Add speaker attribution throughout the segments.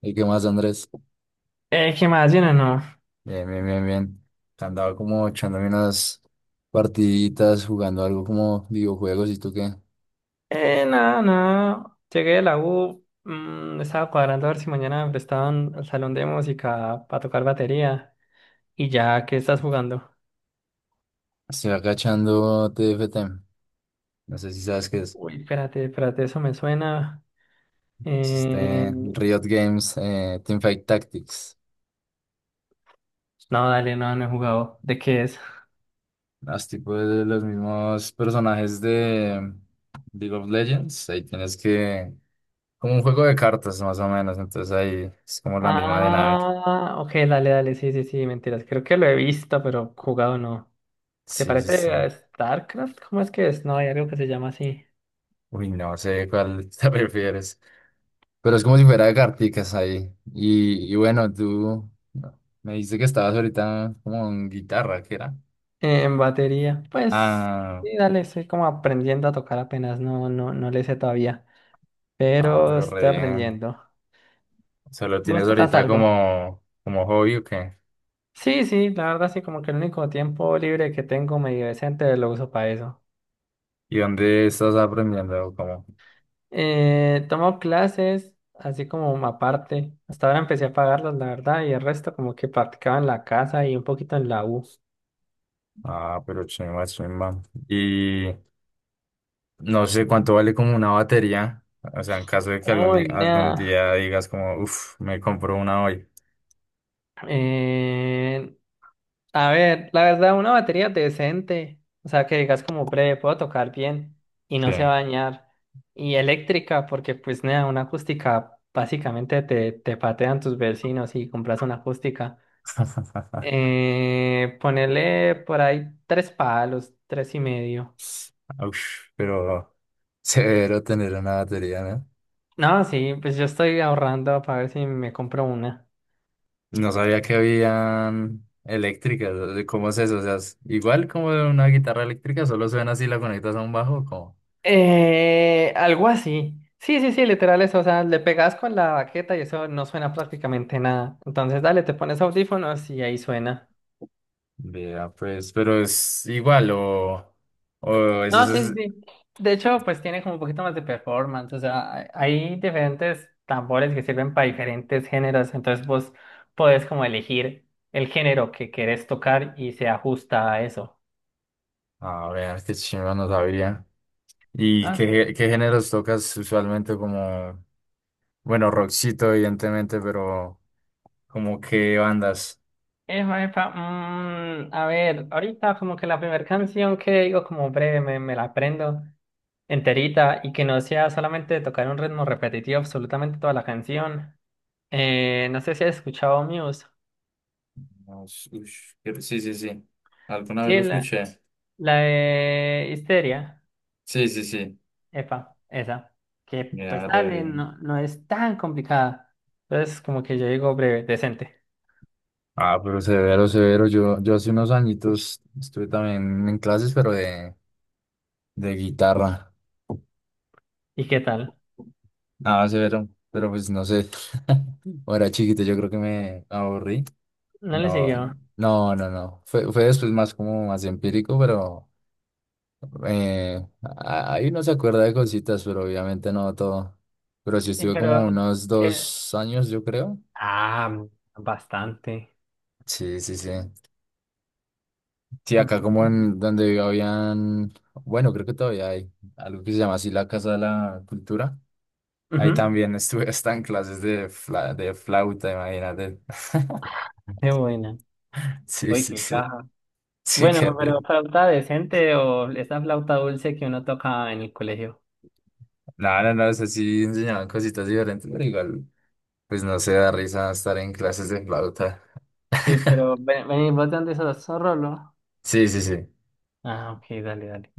Speaker 1: ¿Y qué más, Andrés?
Speaker 2: ¿Qué más? ¿Bien o no?
Speaker 1: Bien, bien, bien, bien. Andaba como echándome unas partiditas, jugando algo como videojuegos. ¿Y tú qué?
Speaker 2: Nada, nada. Llegué de la U, estaba cuadrando a ver si mañana me prestaban al salón de música para tocar batería. Y ya, ¿qué estás jugando?
Speaker 1: Estoy acá echando TFT. No sé si sabes qué es.
Speaker 2: Uy, espérate, espérate, eso me suena.
Speaker 1: Es
Speaker 2: Eh,
Speaker 1: este Riot Games Teamfight Tactics.
Speaker 2: No, dale, no, no he jugado. ¿De qué es?
Speaker 1: Los tipos de los mismos personajes de League of Legends. Ahí tienes que... Como un juego de cartas, más o menos. Entonces ahí es como la misma dinámica.
Speaker 2: Ah, ok, dale, dale, sí, sí, sí, mentiras. Creo que lo he visto, pero jugado no. ¿Se
Speaker 1: Sí, sí, sí.
Speaker 2: parece a StarCraft? ¿Cómo es que es? No, hay algo que se llama así.
Speaker 1: Uy, no sé cuál te prefieres. Pero es como si fuera de carticas ahí. Y bueno, tú me dijiste que estabas ahorita como en guitarra, ¿qué era?
Speaker 2: En batería, pues
Speaker 1: Ah,
Speaker 2: sí, dale, estoy como aprendiendo a tocar apenas, no, no, no le sé todavía,
Speaker 1: ah,
Speaker 2: pero
Speaker 1: pero re
Speaker 2: estoy
Speaker 1: bien.
Speaker 2: aprendiendo.
Speaker 1: ¿Solo tienes
Speaker 2: ¿Vos tocas
Speaker 1: ahorita
Speaker 2: algo?
Speaker 1: como hobby o qué?
Speaker 2: Sí, sí, la verdad sí, como que el único tiempo libre que tengo medio decente lo uso para eso.
Speaker 1: ¿Y dónde estás aprendiendo? Como,
Speaker 2: Tomo clases, así como aparte, hasta ahora empecé a pagarlas, la verdad, y el resto como que practicaba en la casa y un poquito en la U.
Speaker 1: ah, pero chimba, chimba. Y no sé cuánto vale como una batería. O sea, en caso de que
Speaker 2: Uy,
Speaker 1: algún
Speaker 2: nada.
Speaker 1: día digas como, uff, me compro una hoy.
Speaker 2: A ver, la verdad, una batería decente, o sea, que digas como breve, puedo tocar bien y
Speaker 1: Sí.
Speaker 2: no se va a dañar. Y eléctrica, porque pues nada, una acústica básicamente te patean tus vecinos y compras una acústica. Ponerle por ahí tres palos, tres y medio.
Speaker 1: Ush, pero severo tener una batería, ¿no?
Speaker 2: No, sí, pues yo estoy ahorrando para ver si me compro una.
Speaker 1: No sabía que habían eléctricas. O sea, ¿cómo es eso? O sea, es igual como de una guitarra eléctrica, solo suena así, la conectas a un bajo, como.
Speaker 2: Algo así. Sí, sí, sí, literal eso. O sea, le pegas con la baqueta y eso no suena prácticamente nada. Entonces, dale, te pones audífonos y ahí suena.
Speaker 1: Vea, pues, pero es igual, o. O es
Speaker 2: No, sí, sí,
Speaker 1: Es...
Speaker 2: sí. De hecho, pues tiene como un poquito más de performance. O sea, hay diferentes tambores que sirven para diferentes géneros. Entonces, vos podés como elegir el género que querés tocar y se ajusta a eso.
Speaker 1: A ver, qué chimba, no sabía. ¿Y
Speaker 2: No sé.
Speaker 1: qué géneros tocas usualmente? Como. Bueno, rockcito, evidentemente, pero. ¿Como qué bandas?
Speaker 2: Epa, epa, a ver, ahorita como que la primera canción que digo como breve me la aprendo enterita y que no sea solamente tocar un ritmo repetitivo absolutamente toda la canción. No sé si has escuchado Muse.
Speaker 1: No, ush, ush, pero sí, sí, sí. Alguna vez lo
Speaker 2: Sí, la,
Speaker 1: escuché.
Speaker 2: la de Histeria.
Speaker 1: Sí, sí, sí.
Speaker 2: Epa, esa. Que pues
Speaker 1: Mira, re
Speaker 2: dale,
Speaker 1: bien.
Speaker 2: no, no es tan complicada. Entonces como que yo digo breve, decente.
Speaker 1: Ah, pero severo, severo. Yo hace unos añitos estuve también en clases, pero de guitarra.
Speaker 2: ¿Y qué tal?
Speaker 1: Ah, severo. Pero pues no sé. Cuando era chiquito, yo creo que me aburrí.
Speaker 2: No le
Speaker 1: No,
Speaker 2: siguió.
Speaker 1: no, no, no. Fue después más como más empírico, pero ahí uno se acuerda de cositas, pero obviamente no todo. Pero sí
Speaker 2: Sí,
Speaker 1: estuve como
Speaker 2: pero
Speaker 1: unos
Speaker 2: que...
Speaker 1: dos años, yo creo.
Speaker 2: Ah, bastante.
Speaker 1: Sí, sí, sí. Sí, acá como en
Speaker 2: Mm.
Speaker 1: donde habían, bueno, creo que todavía hay algo que se llama así la Casa de la Cultura. Ahí
Speaker 2: Ujú.
Speaker 1: también estuve hasta en clases de flauta, imagínate.
Speaker 2: Qué buena.
Speaker 1: Sí,
Speaker 2: Uy,
Speaker 1: sí,
Speaker 2: qué
Speaker 1: sí.
Speaker 2: caja.
Speaker 1: Sí, qué
Speaker 2: Bueno, pero
Speaker 1: rico.
Speaker 2: flauta decente o esa flauta dulce que uno toca en el colegio.
Speaker 1: No, no, no, o sea, sí enseñaban cositas diferentes, pero igual, pues no se da risa estar en clases de flauta.
Speaker 2: Y pero, ven, ven, ¿Vos de dónde sos? ¿Sos Rolo?
Speaker 1: Sí, sí, sí.
Speaker 2: Ah, ok, dale, dale.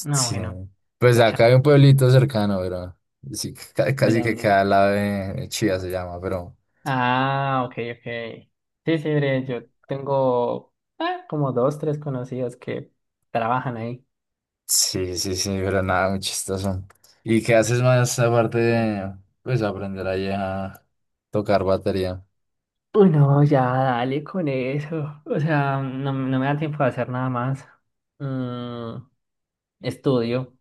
Speaker 2: No,
Speaker 1: Sí.
Speaker 2: bueno,
Speaker 1: Pues acá hay un
Speaker 2: chao.
Speaker 1: pueblito cercano, pero sí, ca-
Speaker 2: ¿De
Speaker 1: casi que
Speaker 2: dónde?
Speaker 1: queda al lado de Chía se llama, pero.
Speaker 2: Ah, ok, ok. Sí, sí, bre, yo tengo como dos, tres conocidos que trabajan ahí.
Speaker 1: Sí, sí, sí, pero nada, muy chistoso. ¿Y qué haces más aparte de, pues, aprender ahí a tocar batería?
Speaker 2: Uy, no, ya, dale con eso. O sea, no, no me da tiempo de hacer nada más. Mm, Estudio.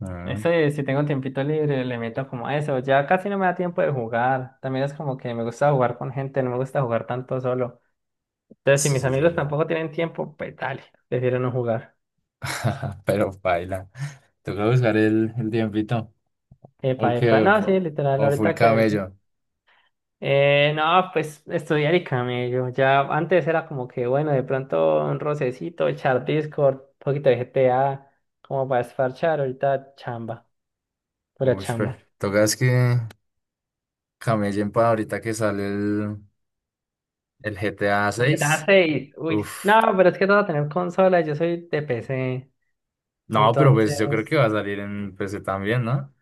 Speaker 1: Mm,
Speaker 2: Ese, si tengo tiempito libre, le meto como a eso. Ya casi no me da tiempo de jugar. También es como que me gusta jugar con gente, no me gusta jugar tanto solo. Entonces, si
Speaker 1: sí,
Speaker 2: mis
Speaker 1: sí, sí,
Speaker 2: amigos
Speaker 1: sí.
Speaker 2: tampoco tienen tiempo, pues dale, prefiero no jugar.
Speaker 1: Pero baila. Toca buscar el tiempito. O
Speaker 2: Epa, epa.
Speaker 1: que,
Speaker 2: No, sí, literal,
Speaker 1: o full
Speaker 2: ahorita que eso.
Speaker 1: camello.
Speaker 2: No, pues estudiar y camello. Ya antes era como que, bueno, de pronto un rocecito, echar Discord, un poquito de GTA, como para esfarchar. Ahorita chamba, pura
Speaker 1: Uy, pues,
Speaker 2: chamba.
Speaker 1: tocas que camellen para ahorita que sale el GTA
Speaker 2: Y G T a
Speaker 1: 6.
Speaker 2: seis uy.
Speaker 1: Uf.
Speaker 2: No, pero es que todo tener consola, yo soy de PC.
Speaker 1: No, pero pues yo creo
Speaker 2: Entonces,
Speaker 1: que va a salir en PC también, ¿no?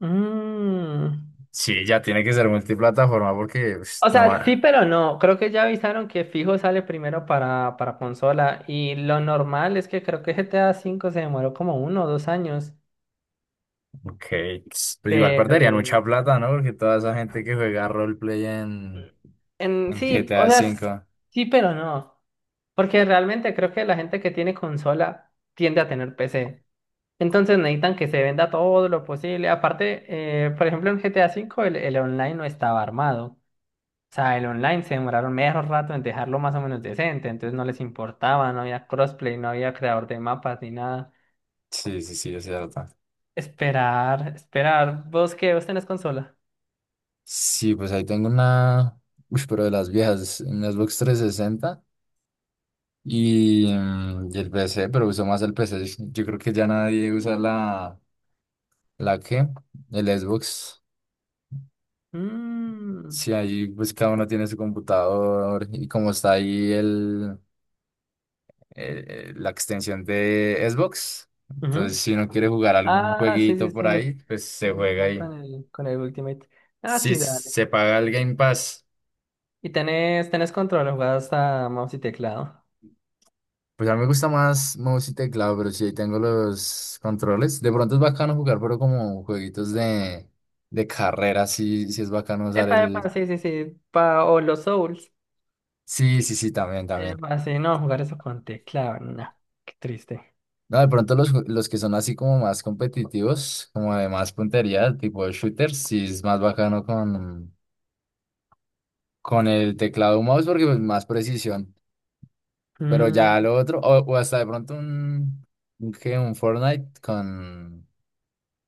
Speaker 2: mm,
Speaker 1: Sí, ya tiene que ser multiplataforma porque pues,
Speaker 2: o
Speaker 1: no
Speaker 2: sea,
Speaker 1: más.
Speaker 2: sí, pero no. Creo que ya avisaron que fijo sale primero para consola. Y lo normal es que creo que GTA V se demoró como uno o dos años.
Speaker 1: Ok, pues igual perderían
Speaker 2: Pero
Speaker 1: mucha plata, ¿no? Porque toda esa gente que juega roleplay en, en
Speaker 2: sí, o
Speaker 1: GTA
Speaker 2: sea,
Speaker 1: 5.
Speaker 2: sí, pero no. Porque realmente creo que la gente que tiene consola tiende a tener PC. Entonces necesitan que se venda todo lo posible. Aparte, por ejemplo, en GTA V el online no estaba armado. O sea, el online se demoraron medio rato en dejarlo más o menos decente, entonces no les importaba, no había crossplay, no había creador de mapas ni nada.
Speaker 1: Sí, sí, sí, es cierto.
Speaker 2: Esperar, esperar. ¿Vos qué? ¿Vos tenés consola?
Speaker 1: Sí, pues ahí tengo una. Uy, pero de las viejas, un Xbox 360 y el PC, pero uso más el PC. Yo creo que ya nadie usa la. ¿La qué? El Xbox.
Speaker 2: Mm,
Speaker 1: Sí, ahí pues cada uno tiene su computador y como está ahí el. eh, la extensión de Xbox. Entonces,
Speaker 2: ujú.
Speaker 1: si uno quiere jugar algún
Speaker 2: Ah, sí, sí,
Speaker 1: jueguito
Speaker 2: sí.
Speaker 1: por ahí, pues se juega
Speaker 2: Ya
Speaker 1: ahí.
Speaker 2: con el Ultimate. Ah,
Speaker 1: Si
Speaker 2: sí, dale.
Speaker 1: se paga el Game Pass,
Speaker 2: ¿Y tenés control o jugás a mouse y teclado?
Speaker 1: pues a mí me gusta más mouse y teclado, pero si ahí tengo los controles, de pronto es bacano jugar, pero como jueguitos de carrera, sí, sí es bacano usar
Speaker 2: Epa, epa,
Speaker 1: el...
Speaker 2: sí, sí, sí. Pa, o los Souls.
Speaker 1: Sí, sí, sí, también, también.
Speaker 2: Epa, sí, no, jugar eso con teclado, no. Qué triste.
Speaker 1: No, de pronto los que son así como más competitivos, como de más puntería, tipo de shooters, sí es más bacano con el teclado o mouse porque pues, más precisión. Pero ya
Speaker 2: Mm,
Speaker 1: lo otro, o hasta de pronto ¿qué? Un Fortnite con...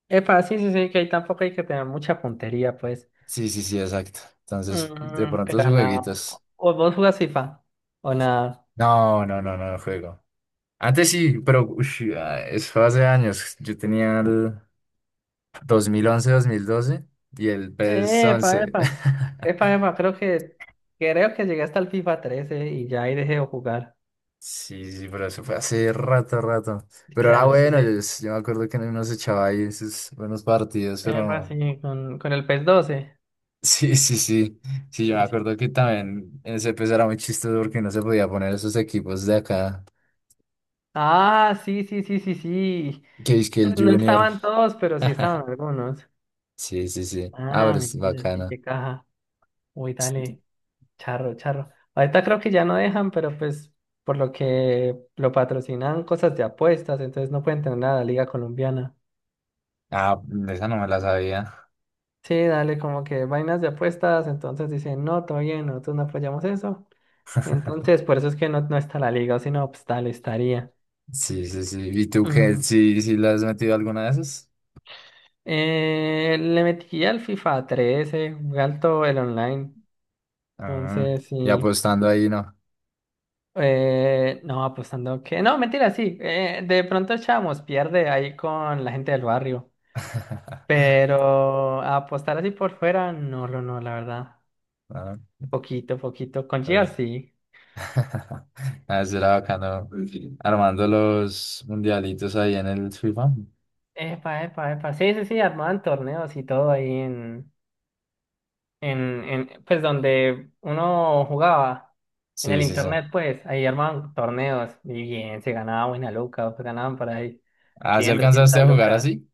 Speaker 2: epa, sí, sí, sí, que ahí tampoco hay que tener mucha puntería, pues.
Speaker 1: Sí, sí, sí, exacto. Entonces, de pronto sus
Speaker 2: Pero nada.
Speaker 1: jueguitos.
Speaker 2: ¿O vos jugás FIFA? ¿O nada?
Speaker 1: No, no, no, no juego. Antes sí, pero ush, ah, eso fue hace años. Yo tenía el dos dos mil once 2012 y el PS
Speaker 2: Epa,
Speaker 1: 11
Speaker 2: epa. Epa, epa, creo que llegué hasta el FIFA 13 y ya ahí dejé de jugar.
Speaker 1: Sí, sí, pero eso fue hace rato, rato. Pero era
Speaker 2: Claro, sí,
Speaker 1: bueno, yo,
Speaker 2: sí.
Speaker 1: yo me acuerdo que uno se echaba ahí sus buenos partidos,
Speaker 2: Epa,
Speaker 1: pero...
Speaker 2: sí, con el PES 12.
Speaker 1: Sí, sí, sí. Sí, yo me
Speaker 2: Uy, sí.
Speaker 1: acuerdo que también en ese pez era muy chistoso porque no se podía poner esos equipos de acá.
Speaker 2: Ah, sí, sí, sí, sí, sí.
Speaker 1: Que es que el
Speaker 2: Pues no
Speaker 1: Junior.
Speaker 2: estaban todos, pero sí estaban algunos.
Speaker 1: Sí, sí, sí. Ah,
Speaker 2: Ah,
Speaker 1: pero es
Speaker 2: mentira, sí,
Speaker 1: bacana.
Speaker 2: qué caja. Uy, dale. Charro, charro. Ahorita creo que ya no dejan, pero pues por lo que lo patrocinan cosas de apuestas, entonces no pueden tener nada de la Liga Colombiana.
Speaker 1: Ah, esa no me la sabía.
Speaker 2: Sí, dale, como que vainas de apuestas, entonces dicen, no, todo bien, nosotros no apoyamos eso. Entonces, por eso es que no, no está la liga, sino pues tal estaría.
Speaker 1: Sí, sí, sí. ¿Y tú qué?
Speaker 2: Mm.
Speaker 1: ¿Sí, sí le has metido alguna de esas?
Speaker 2: Le metí al FIFA 13, jugué alto el online,
Speaker 1: Ah,
Speaker 2: entonces
Speaker 1: y
Speaker 2: sí.
Speaker 1: apostando ahí, ¿no?
Speaker 2: No, apostando que... No, mentira, sí, de pronto Chamos pierde ahí con la gente del barrio. Pero apostar así por fuera, no, no, no, la verdad.
Speaker 1: Ah,
Speaker 2: Poquito, poquito. Con Gear
Speaker 1: pues.
Speaker 2: sí.
Speaker 1: Ah, eso era bacano. Armando
Speaker 2: O-
Speaker 1: los mundialitos ahí en el FIFA.
Speaker 2: Epa, epa, epa. Sí, sí, sí, armaban torneos y todo ahí en, pues donde uno jugaba, en
Speaker 1: Sí,
Speaker 2: el
Speaker 1: sí, sí.
Speaker 2: internet, pues, ahí armaban torneos y bien, se ganaba buena loca, pues ganaban por ahí
Speaker 1: ¿Ah, sí
Speaker 2: 100
Speaker 1: alcanzaste
Speaker 2: 200
Speaker 1: a jugar
Speaker 2: locas.
Speaker 1: así?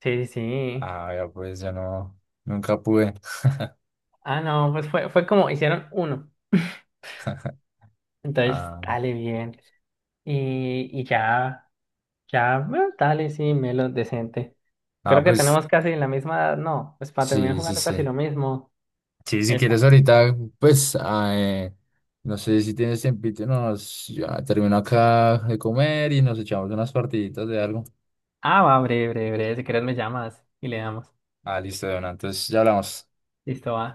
Speaker 2: Sí, sí, sí.
Speaker 1: Ah, ya pues yo no, nunca pude.
Speaker 2: Ah, no, pues fue como hicieron uno. Entonces,
Speaker 1: Ah,
Speaker 2: dale bien. Y ya. Ya, bueno, dale, sí, Melo, decente.
Speaker 1: ah,
Speaker 2: Creo que
Speaker 1: pues
Speaker 2: tenemos casi la misma edad, no, pues para terminar
Speaker 1: sí, sí,
Speaker 2: jugando casi
Speaker 1: sí.
Speaker 2: lo mismo.
Speaker 1: Sí, si quieres
Speaker 2: Epa.
Speaker 1: ahorita, pues, no sé si tienes tiempito, ya termino acá de comer y nos echamos unas partiditas de algo.
Speaker 2: Ah, va, breve, breve, breve, si quieres me llamas y le damos.
Speaker 1: Ah, listo, bueno, entonces ya hablamos.
Speaker 2: Listo, va.